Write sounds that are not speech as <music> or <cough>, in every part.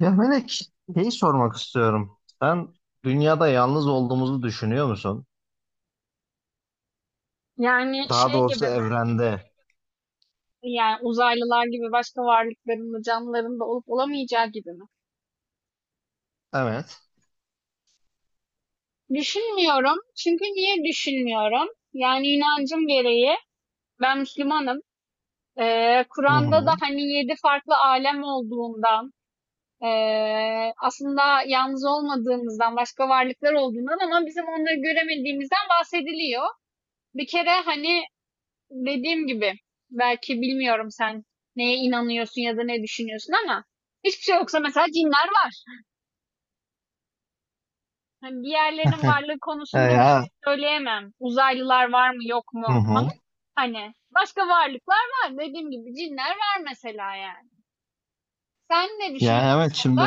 Ya Melek, şeyi sormak istiyorum. Sen dünyada yalnız olduğumuzu düşünüyor musun? Yani Daha şey gibi doğrusu mi? evrende. Yani uzaylılar gibi başka varlıkların da canlıların da olup olamayacağı gibi mi? Evet. Düşünmüyorum. Çünkü niye düşünmüyorum? Yani inancım gereği ben Müslümanım. Hı Kur'an'da hı. da hani yedi farklı alem olduğundan, aslında yalnız olmadığımızdan, başka varlıklar olduğundan ama bizim onları göremediğimizden bahsediliyor. Bir kere hani dediğim gibi belki bilmiyorum sen neye inanıyorsun ya da ne düşünüyorsun ama hiçbir şey yoksa mesela cinler var. Hani diğerlerinin <laughs> varlığı E konusunda bir şey Ya, söyleyemem. Uzaylılar var mı yok hı mu ama hı. hani başka varlıklar var. Dediğim gibi cinler var mesela yani. Sen ne Ya düşünüyorsun bu evet konuda? şimdi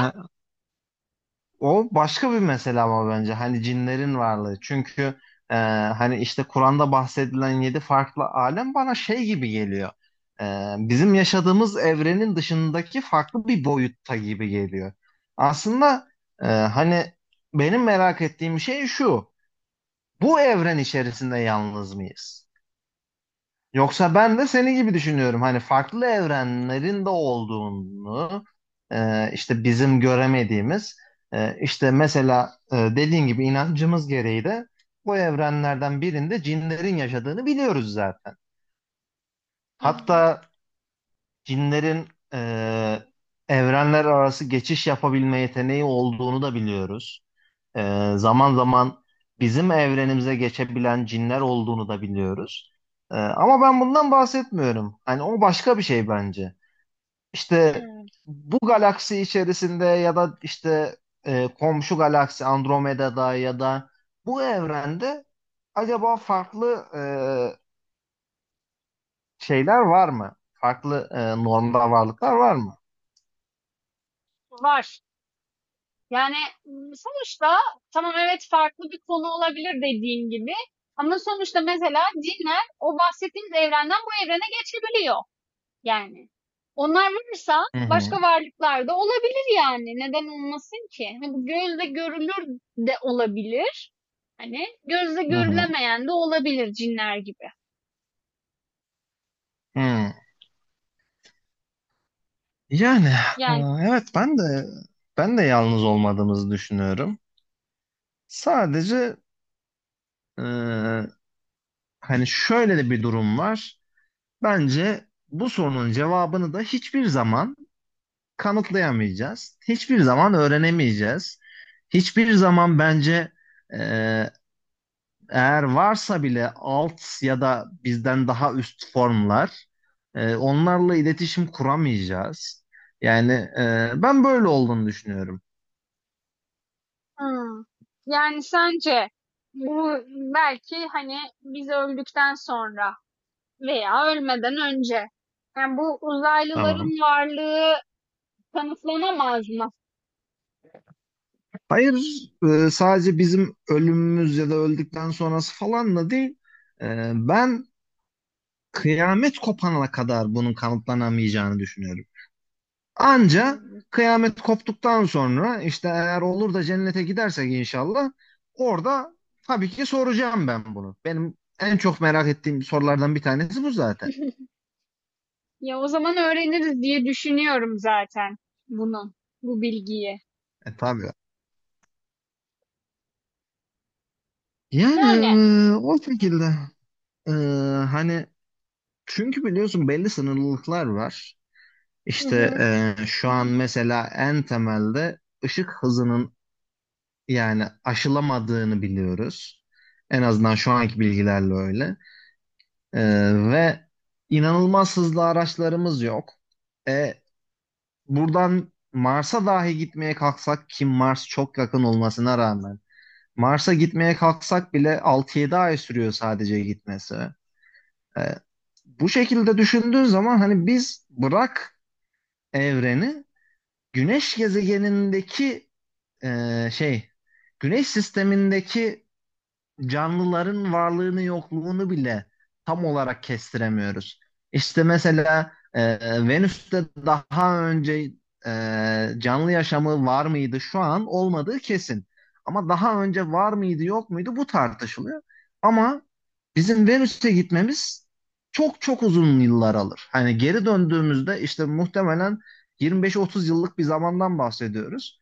o başka bir mesele ama bence hani cinlerin varlığı. Çünkü e, hani işte Kur'an'da bahsedilen yedi farklı alem bana şey gibi geliyor. Bizim yaşadığımız evrenin dışındaki farklı bir boyutta gibi geliyor. Aslında hani benim merak ettiğim şey şu. Bu evren içerisinde yalnız mıyız? Yoksa ben de seni gibi düşünüyorum. Hani farklı evrenlerin de olduğunu işte bizim göremediğimiz işte mesela dediğin gibi inancımız gereği de bu evrenlerden birinde cinlerin yaşadığını biliyoruz zaten. Hı hı. Hatta cinlerin e, evrenler arası geçiş yapabilme yeteneği olduğunu da biliyoruz. Zaman zaman bizim evrenimize geçebilen cinler olduğunu da biliyoruz. Ama ben bundan bahsetmiyorum. Hani o başka bir şey bence. İşte Hı. bu galaksi içerisinde ya da işte komşu galaksi Andromeda'da ya da bu evrende acaba farklı şeyler var mı? Farklı normda varlıklar var mı? Var. Yani, sonuçta tamam, evet, farklı bir konu olabilir dediğin gibi ama sonuçta mesela cinler o bahsettiğimiz evrenden bu evrene geçebiliyor. Yani. Onlar varsa Hı hı, başka varlıklar da olabilir yani. Neden olmasın ki? Hani bu gözle görülür de olabilir. Hani gözle hı hı, görülemeyen de olabilir cinler gibi. hı. Yani e, Yani evet ben de yalnız olmadığımızı düşünüyorum. Sadece e, hani şöyle de bir durum var. Bence bu sorunun cevabını da hiçbir zaman kanıtlayamayacağız. Hiçbir zaman öğrenemeyeceğiz. Hiçbir zaman bence e, eğer varsa bile alt ya da bizden daha üst formlar onlarla iletişim kuramayacağız. Yani ben böyle olduğunu düşünüyorum. hmm. Yani sence bu belki hani biz öldükten sonra veya ölmeden önce yani bu Tamam. uzaylıların varlığı kanıtlanamaz mı? Hayır, sadece bizim ölümümüz ya da öldükten sonrası falanla değil. Ben kıyamet kopana kadar bunun kanıtlanamayacağını düşünüyorum. Anca Hmm. kıyamet koptuktan sonra işte eğer olur da cennete gidersek inşallah orada tabii ki soracağım ben bunu. Benim en çok merak ettiğim sorulardan bir tanesi bu zaten. Ya o zaman öğreniriz diye düşünüyorum zaten bunu, bu bilgiyi. E tabii. Yani Yani, o şekilde. E, Hani çünkü biliyorsun belli sınırlılıklar var. hı İşte hı, şu an mesela en temelde ışık hızının yani aşılamadığını biliyoruz. En azından şu anki bilgilerle öyle. E, Ve inanılmaz hızlı araçlarımız yok. E, Buradan Mars'a dahi gitmeye kalksak ki Mars çok yakın olmasına rağmen Mars'a gitmeye kalksak bile 6-7 ay sürüyor sadece gitmesi. E, Bu şekilde düşündüğün zaman hani biz bırak evreni Güneş gezegenindeki e, şey Güneş sistemindeki canlıların varlığını yokluğunu bile tam olarak kestiremiyoruz. İşte mesela Venüs'te daha önce e, canlı yaşamı var mıydı? Şu an olmadığı kesin. Ama daha önce var mıydı yok muydu bu tartışılıyor. Ama bizim Venüs'e gitmemiz çok çok uzun yıllar alır. Hani geri döndüğümüzde işte muhtemelen 25-30 yıllık bir zamandan bahsediyoruz.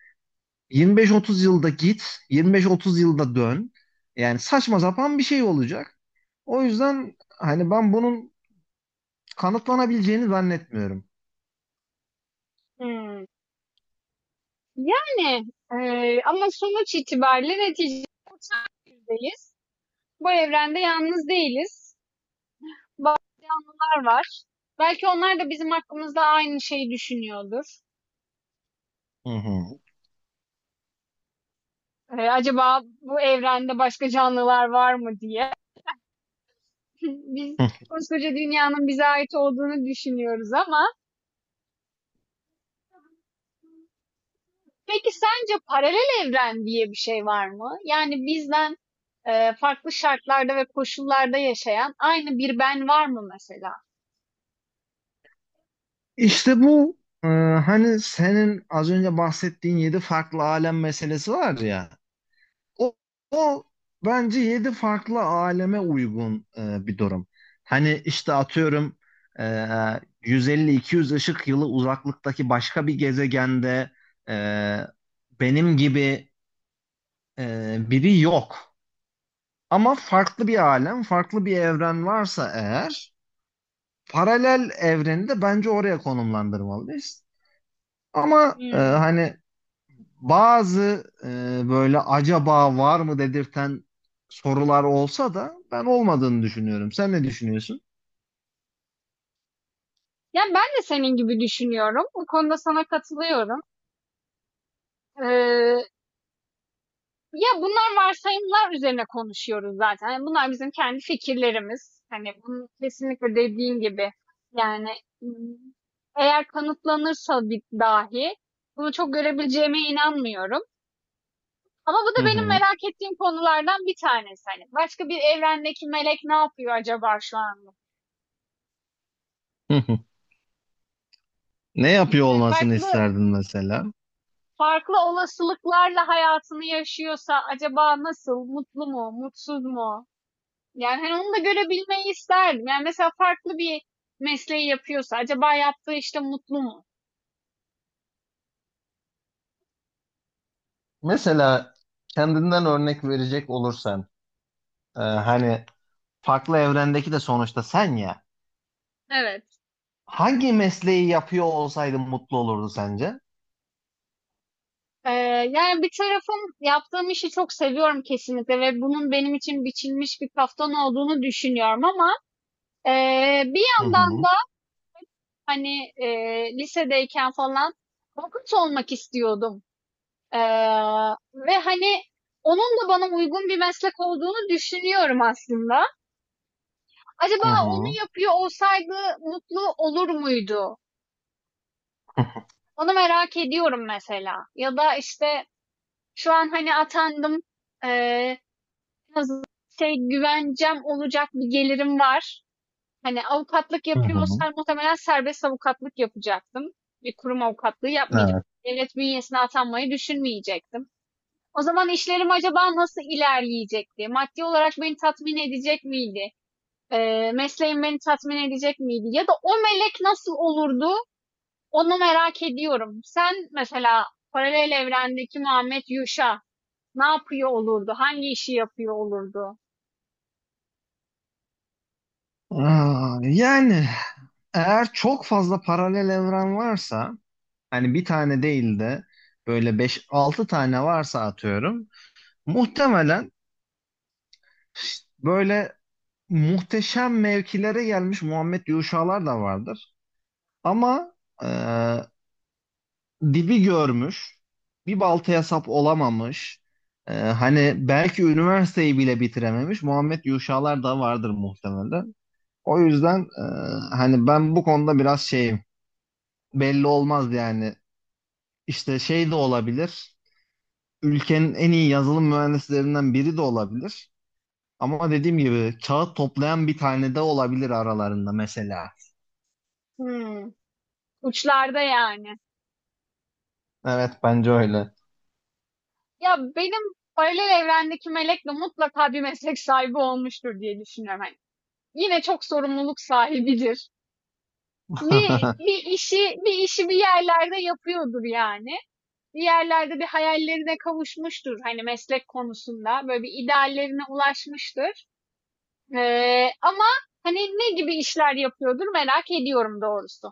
25-30 yılda git, 25-30 yılda dön. Yani saçma sapan bir şey olacak. O yüzden hani ben bunun kanıtlanabileceğini zannetmiyorum. hımm. Yani, ama sonuç itibariyle neticede uçan birdeyiz. Bu evrende yalnız değiliz. Bazı canlılar var. Belki onlar da bizim hakkımızda aynı şeyi düşünüyordur. Hı hı. Acaba bu evrende başka canlılar var mı diye. <laughs> Biz Hı. koskoca dünyanın bize ait olduğunu düşünüyoruz ama peki sence paralel evren diye bir şey var mı? Yani bizden farklı şartlarda ve koşullarda yaşayan aynı bir ben var mı mesela? İşte bu e, hani senin az önce bahsettiğin yedi farklı alem meselesi var ya. O, o bence yedi farklı aleme uygun bir durum. Hani işte atıyorum e, 150-200 ışık yılı uzaklıktaki başka bir gezegende e, benim gibi biri yok. Ama farklı bir alem, farklı bir evren varsa eğer paralel evreni de bence oraya konumlandırmalıyız. Ama Hmm. hani bazı böyle acaba var mı dedirten sorular olsa da ben olmadığını düşünüyorum. Sen ne düşünüyorsun? Yani ben de senin gibi düşünüyorum. Bu konuda sana katılıyorum. Ee, ya bunlar varsayımlar üzerine konuşuyoruz zaten. Yani bunlar bizim kendi fikirlerimiz. Hani bunu kesinlikle dediğin gibi yani, hmm, eğer kanıtlanırsa bir dahi bunu çok görebileceğime inanmıyorum. Ama bu Hı da benim hı. merak ettiğim konulardan bir tanesi. Hani başka bir evrendeki melek ne yapıyor acaba şu anda? Hı hı. Ne yapıyor Yani olmasını farklı isterdin mesela? farklı olasılıklarla hayatını yaşıyorsa acaba nasıl? Mutlu mu? Mutsuz mu? Yani hani onu da görebilmeyi isterdim. Yani mesela farklı bir mesleği yapıyorsa acaba yaptığı işte mutlu mu? Mesela kendinden örnek verecek olursan, hani farklı evrendeki de sonuçta sen ya. Evet. Hangi mesleği yapıyor olsaydın mutlu olurdu sence? Ee, yani bir tarafım yaptığım işi çok seviyorum kesinlikle ve bunun benim için biçilmiş bir kaftan olduğunu düşünüyorum ama bir Hı yandan hı. da hani, lisedeyken falan avukat olmak istiyordum. Eee, ve hani onun da bana uygun bir meslek olduğunu düşünüyorum aslında. Acaba Hı onu hı. yapıyor olsaydı mutlu olur muydu? Onu merak ediyorum mesela. Ya da işte şu an hani atandım, eee, şey güvencem olacak bir gelirim var. Hani avukatlık Hı hı. yapıyorsan muhtemelen serbest avukatlık yapacaktım. Bir kurum avukatlığı yapmayacaktım. Evet. Devlet bünyesine atanmayı düşünmeyecektim. O zaman işlerim acaba nasıl ilerleyecekti? Maddi olarak beni tatmin edecek miydi? Mesleğim beni tatmin edecek miydi? Ya da o melek nasıl olurdu? Onu merak ediyorum. Sen mesela paralel evrendeki Muhammed Yuşa ne yapıyor olurdu? Hangi işi yapıyor olurdu? Aa, yani eğer çok fazla paralel evren varsa hani bir tane değil de böyle beş altı tane varsa atıyorum. Muhtemelen böyle muhteşem mevkilere gelmiş Muhammed Yuşalar da vardır. Ama e, dibi görmüş, bir baltaya sap olamamış, hani belki üniversiteyi bile bitirememiş Muhammed Yuşalar da vardır muhtemelen. O yüzden hani ben bu konuda biraz şeyim, belli olmaz yani. İşte şey de olabilir. Ülkenin en iyi yazılım mühendislerinden biri de olabilir. Ama dediğim gibi kağıt toplayan bir tane de olabilir aralarında mesela. Hmm, uçlarda yani. Evet bence öyle. Ya benim paralel evrendeki melekle mutlaka bir meslek sahibi olmuştur diye düşünüyorum. Hani yine çok sorumluluk sahibidir. Bir, <laughs> bir işi bir işi bir yerlerde yapıyordur yani. Bir yerlerde bir hayallerine kavuşmuştur hani meslek konusunda. Böyle bir ideallerine ulaşmıştır. Ama hani ne gibi işler yapıyordur merak ediyorum doğrusu.